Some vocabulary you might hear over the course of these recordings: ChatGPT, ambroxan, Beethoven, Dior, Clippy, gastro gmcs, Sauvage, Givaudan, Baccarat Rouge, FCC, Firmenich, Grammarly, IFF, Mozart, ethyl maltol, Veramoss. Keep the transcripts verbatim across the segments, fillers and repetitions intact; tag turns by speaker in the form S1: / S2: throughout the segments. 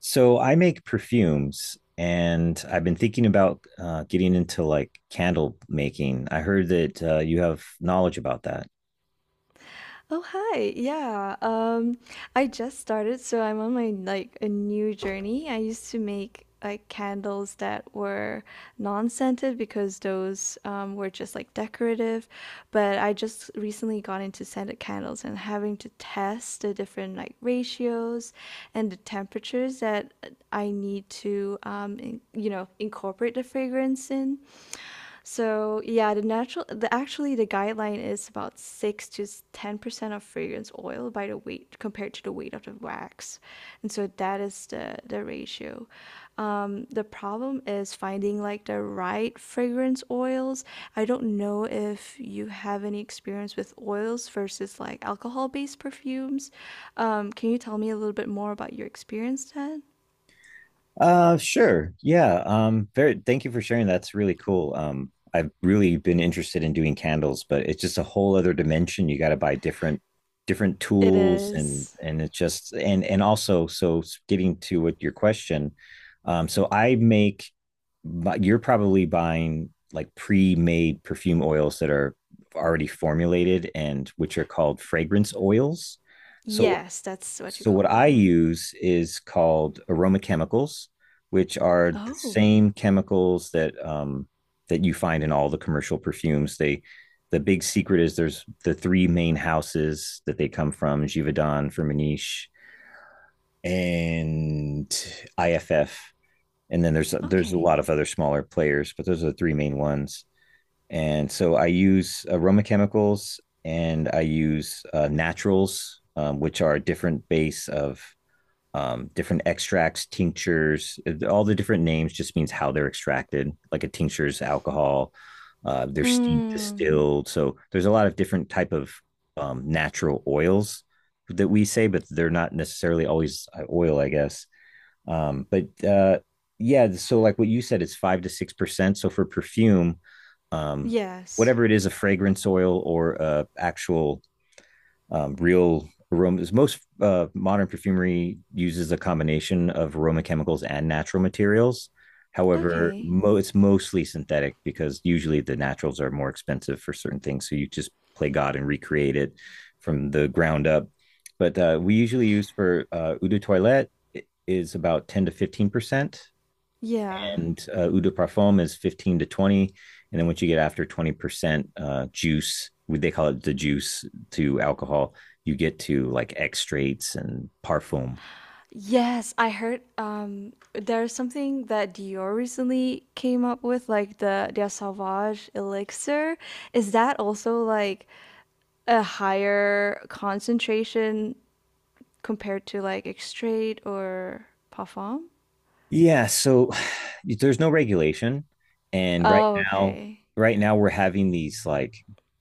S1: So I make perfumes and I've been thinking about uh, getting into like candle making. I heard that uh, you have knowledge about that.
S2: Oh, hi. Yeah. Um, I just started, so I'm on my like a new journey. I used to make like candles that were non-scented because those um, were just like decorative, but I just recently got into scented candles and having to test the different like ratios and the temperatures that I need to um, in- you know, incorporate the fragrance in. So yeah, the natural, the actually the guideline is about six to ten percent of fragrance oil by the weight compared to the weight of the wax, and so that is the the ratio. Um, the problem is finding like the right fragrance oils. I don't know if you have any experience with oils versus like alcohol-based perfumes. Um, can you tell me a little bit more about your experience then?
S1: Uh, sure. Yeah. Um, very, thank you for sharing. That's really cool. Um, I've really been interested in doing candles, but it's just a whole other dimension. You got to buy different, different
S2: It
S1: tools and,
S2: is.
S1: and it's just, and, and also, so getting to what your question, um, so I make, but you're probably buying like pre-made perfume oils that are already formulated and which are called fragrance oils. So
S2: Yes, that's what you
S1: so
S2: call
S1: what I
S2: them.
S1: use is called aroma chemicals, which are the
S2: Oh,
S1: same chemicals that um, that you find in all the commercial perfumes. They, the big secret is there's the three main houses that they come from: Givaudan, Firmenich, and I F F. And then there's there's a
S2: okay.
S1: lot of other smaller players, but those are the three main ones. And so I use aroma chemicals and I use uh, naturals, um, which are a different base of um, different extracts, tinctures. All the different names just means how they're extracted. Like a tincture is alcohol, uh, they're steamed,
S2: Mm,
S1: distilled. So there's a lot of different type of um, natural oils that we say, but they're not necessarily always uh, oil, I guess. Um, but uh, yeah, so like what you said, it's five to six percent. So for perfume, um,
S2: yes.
S1: whatever it is, a fragrance oil or a actual um, real aromas. Most uh, modern perfumery uses a combination of aroma chemicals and natural materials. However,
S2: Okay.
S1: mo- it's mostly synthetic because usually the naturals are more expensive for certain things. So you just play God and recreate it from the ground up. But uh, we usually use for uh, eau de toilette is about ten to fifteen percent,
S2: Yeah.
S1: and uh, eau de parfum is fifteen to twenty, and then once you get after twenty percent uh, juice, they call it the juice, to alcohol, you get to like extracts and parfum.
S2: Yes, I heard um there's something that Dior recently came up with, like the their Sauvage elixir. Is that also like a higher concentration compared to like X-Straight or Parfum?
S1: Yeah, so there's no regulation, and right
S2: Oh,
S1: now,
S2: okay.
S1: right now we're having these like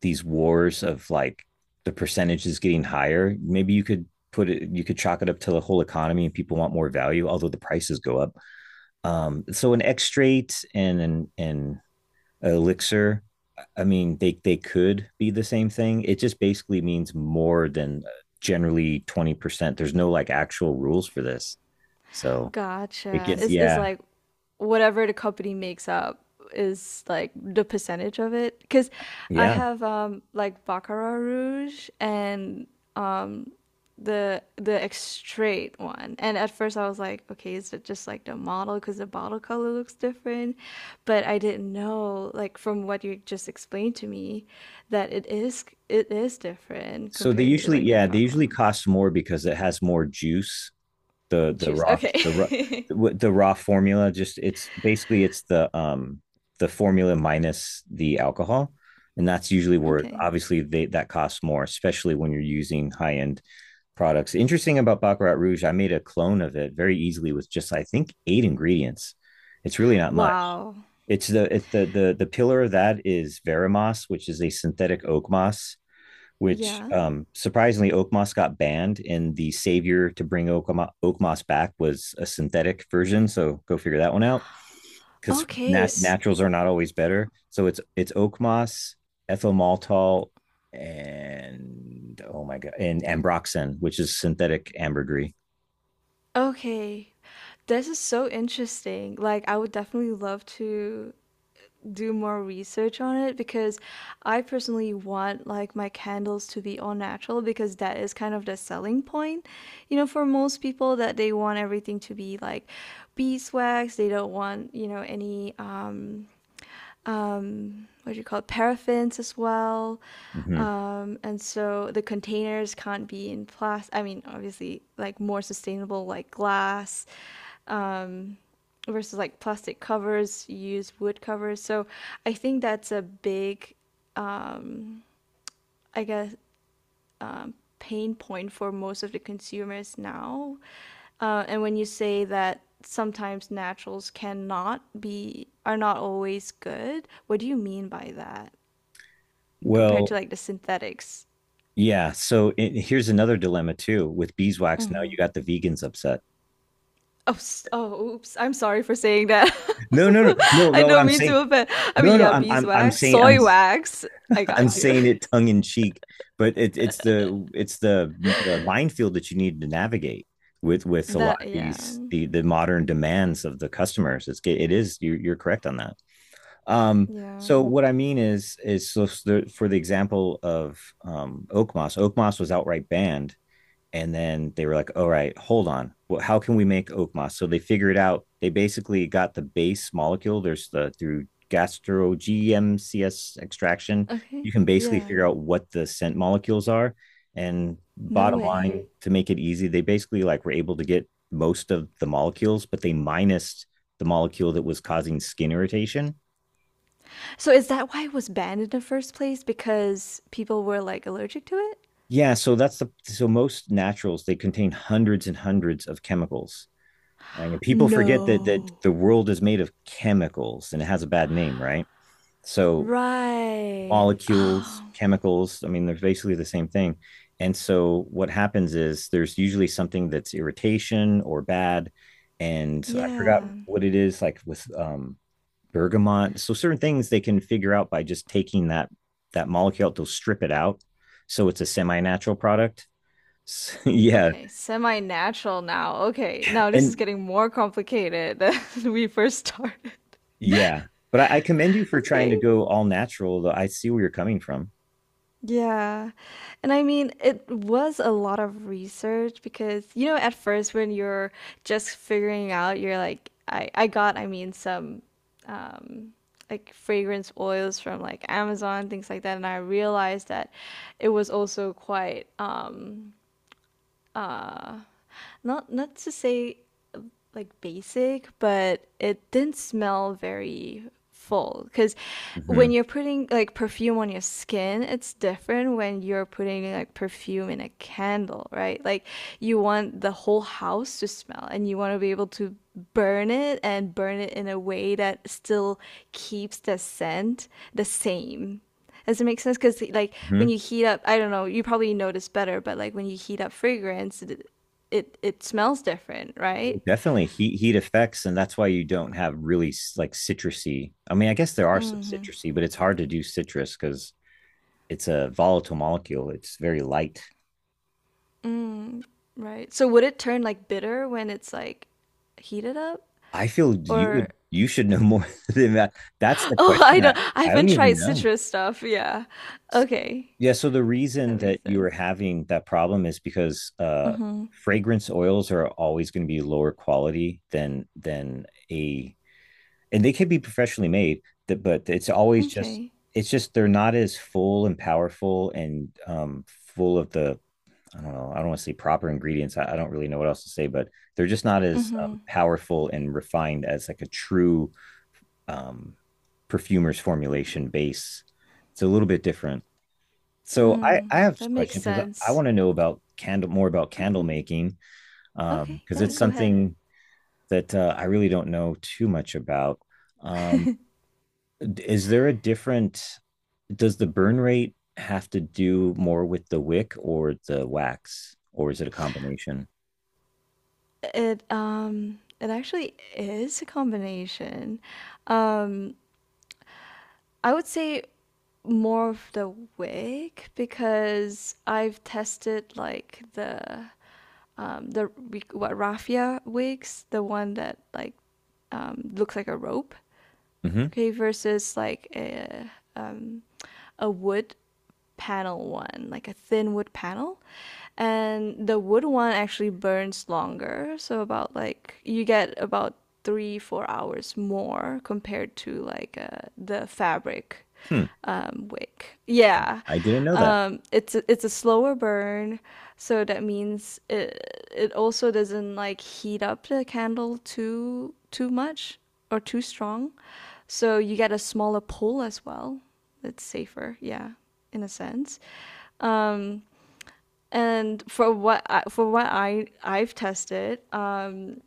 S1: these wars of like the percentage is getting higher. Maybe you could put it, you could chalk it up to the whole economy and people want more value although the prices go up. Um so an extract and an and elixir, I mean, they they could be the same thing. It just basically means more than uh, generally twenty percent. There's no like actual rules for this, so it
S2: Gotcha.
S1: gets,
S2: Is is
S1: yeah.
S2: like whatever the company makes up is like the percentage of it? Because I
S1: Yeah,
S2: have um like Baccarat Rouge and um the the extrait one. And at first I was like, okay, is it just like the model because the bottle color looks different? But I didn't know like from what you just explained to me that it is it is different
S1: so they
S2: compared to
S1: usually
S2: like the
S1: yeah they usually
S2: parfum
S1: cost more because it has more juice. the the
S2: juice.
S1: raw the raw
S2: Okay.
S1: the raw formula just, it's basically it's the um the formula minus the alcohol, and that's usually where
S2: Okay.
S1: obviously they, that costs more, especially when you're using high end products. Interesting about Baccarat Rouge, I made a clone of it very easily with just I think eight ingredients. It's really not much.
S2: Wow.
S1: It's the it, the the the pillar of that is Veramoss, which is a synthetic oak moss. Which
S2: Yeah.
S1: um, surprisingly, oak moss got banned, and the savior to bring oak, oak moss back was a synthetic version. So go figure that one out, because
S2: Okay,
S1: nat-
S2: s-
S1: naturals are not always better. So it's it's oak moss, ethyl maltol, and oh my god, and ambroxan, which is synthetic ambergris.
S2: okay. This is so interesting. Like, I would definitely love to do more research on it because I personally want like my candles to be all natural because that is kind of the selling point, you know, for most people that they want everything to be like beeswax. They don't want, you know, any um um, what do you call it, paraffins as well.
S1: Mhm.
S2: Um, and so the containers can't be in plastic. I mean, obviously, like more sustainable, like glass um, versus like plastic covers, you use wood covers. So I think that's a big, I guess, pain point for most of the consumers now. Uh, and when you say that sometimes naturals cannot be, are not always good, what do you mean by that? Compared to
S1: Well,
S2: like the synthetics.
S1: yeah. So it, here's another dilemma too with beeswax. Now you got the vegans upset.
S2: Oh, oh, oops. I'm sorry for saying that.
S1: No, no, no, no,
S2: I
S1: no. What
S2: don't
S1: I'm
S2: mean
S1: saying,
S2: to offend. I
S1: no,
S2: mean,
S1: no.
S2: yeah,
S1: I'm I'm I'm
S2: beeswax,
S1: saying I'm
S2: soy wax. I
S1: I'm
S2: got you.
S1: saying it tongue in cheek, but it, it's the it's the, the minefield that you need to navigate with with a lot of
S2: That, yeah.
S1: these the the modern demands of the customers. It's it is, you're, you're correct on that. Um,
S2: Yeah.
S1: so what I mean is is so for the example of um, Oak Moss, Oak Moss was outright banned, and then they were like, all right, hold on, well, how can we make oak moss? So they figured out, they basically got the base molecule. There's the, through gastro gmcs extraction, you
S2: Okay.
S1: can basically
S2: Yeah.
S1: figure out what the scent molecules are, and
S2: No
S1: bottom
S2: way.
S1: line, to make it easy, they basically like were able to get most of the molecules, but they minused the molecule that was causing skin irritation.
S2: So is that why it was banned in the first place? Because people were like allergic to it?
S1: Yeah so that's the so most naturals, they contain hundreds and hundreds of chemicals. Right? And people forget that that
S2: No.
S1: the world is made of chemicals and it has a bad name, right? So
S2: Right.
S1: molecules,
S2: Oh,
S1: chemicals, I mean, they're basically the same thing. And so what happens is there's usually something that's irritation or bad. And I forgot
S2: yeah.
S1: what it is, like with um bergamot. So certain things they can figure out by just taking that that molecule, they'll strip it out. So it's a semi-natural product. Yeah.
S2: Okay, semi natural now. Okay, now this is
S1: And
S2: getting more complicated than we first started.
S1: yeah. But I, I commend you for trying
S2: Okay.
S1: to go all natural, though. I see where you're coming from.
S2: Yeah. And I mean, it was a lot of research because, you know, at first when you're just figuring out, you're like, I, I got, I mean, some um, like fragrance oils from like Amazon, things like that. And I realized that it was also quite, um, uh, not, not to say like basic, but it didn't smell very full because
S1: Hmm.
S2: when you're putting like perfume on your skin, it's different when you're putting like perfume in a candle, right? Like, you want the whole house to smell and you want to be able to burn it and burn it in a way that still keeps the scent the same. Does it make sense? Because like
S1: Hmm.
S2: when you heat up, I don't know, you probably notice better, but like when you heat up fragrance, it it, it smells different, right?
S1: Definitely heat heat effects, and that's why you don't have really s- like citrusy. I mean, I guess there are some
S2: Hmm.
S1: citrusy, but it's hard to do citrus because it's a volatile molecule. It's very light.
S2: Mm, right. So would it turn like bitter when it's like heated up?
S1: I feel you
S2: Or
S1: would you should know more than that. That's the
S2: oh, I
S1: question.
S2: don't.
S1: I
S2: I
S1: I don't
S2: haven't
S1: even
S2: tried
S1: know.
S2: citrus stuff. Yeah. Okay,
S1: Yeah, so the
S2: that
S1: reason that
S2: makes
S1: you
S2: sense.
S1: are having that problem is because uh,
S2: Mm-hmm.
S1: fragrance oils are always going to be lower quality than than a, and they can be professionally made, th- but it's always just
S2: Okay.
S1: it's just they're not as full and powerful and um, full of the, I don't know, I don't want to say proper ingredients. I, I don't really know what else to say, but they're just not as
S2: Mm-hmm.
S1: um, powerful and refined as like a true um, perfumer's formulation base. It's a little bit different. So I
S2: Mm,
S1: I have a
S2: that makes
S1: question because I, I
S2: sense.
S1: want to know about candle more about candle
S2: Okay.
S1: making,
S2: Okay.
S1: um because um,
S2: Yeah.
S1: it's
S2: Go ahead.
S1: something that uh, I really don't know too much about. Um, is there a different? Does the burn rate have to do more with the wick or the wax, or is it a combination?
S2: It um. It actually is a combination. Um. I would say more of the wig because I've tested like the um, the what raffia wigs, the one that like um, looks like a rope,
S1: Hmm.
S2: okay, versus like a um, a wood panel one, like a thin wood panel, and the wood one actually burns longer, so about like you get about three four hours more compared to like uh, the fabric
S1: Hmm.
S2: um, wick.
S1: I,
S2: Yeah,
S1: I didn't know that.
S2: um, it's a, it's a slower burn, so that means it it also doesn't like heat up the candle too too much or too strong, so you get a smaller pull as well. It's safer, yeah, in a sense. Um, and for what I, for what I I've tested, um,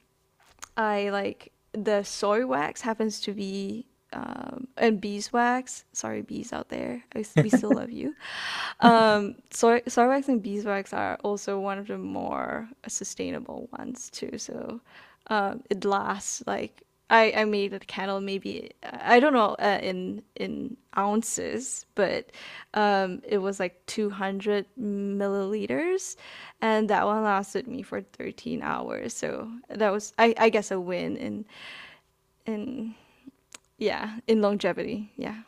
S2: I like the soy wax happens to be um, and beeswax. Sorry, bees out there. I, s- we still love you. Um, soy, soy wax and beeswax are also one of the more sustainable ones too. So um, it lasts like I, I made a candle, maybe I don't know uh, in in ounces, but um, it was like two hundred milliliters, and that one lasted me for thirteen hours. So that was, I, I guess, a win in in yeah in longevity. Yeah.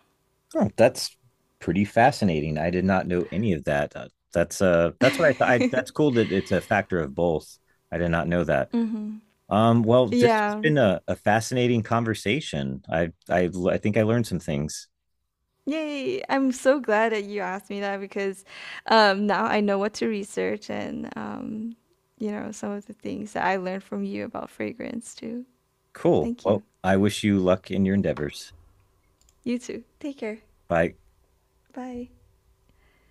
S1: Oh, that's pretty fascinating. I did not know any of that. Uh, that's uh that's what I thought. I, that's cool that it's a factor of both. I did not know that.
S2: Mm-hmm.
S1: Um, well, this has
S2: Yeah,
S1: been a, a fascinating conversation. I, I I think I learned some things.
S2: yay! I'm so glad that you asked me that because um, now I know what to research and um, you know some of the things that I learned from you about fragrance too.
S1: Cool.
S2: Thank you.
S1: Well, I wish you luck in your endeavors.
S2: You too. Take care.
S1: Bye.
S2: Bye.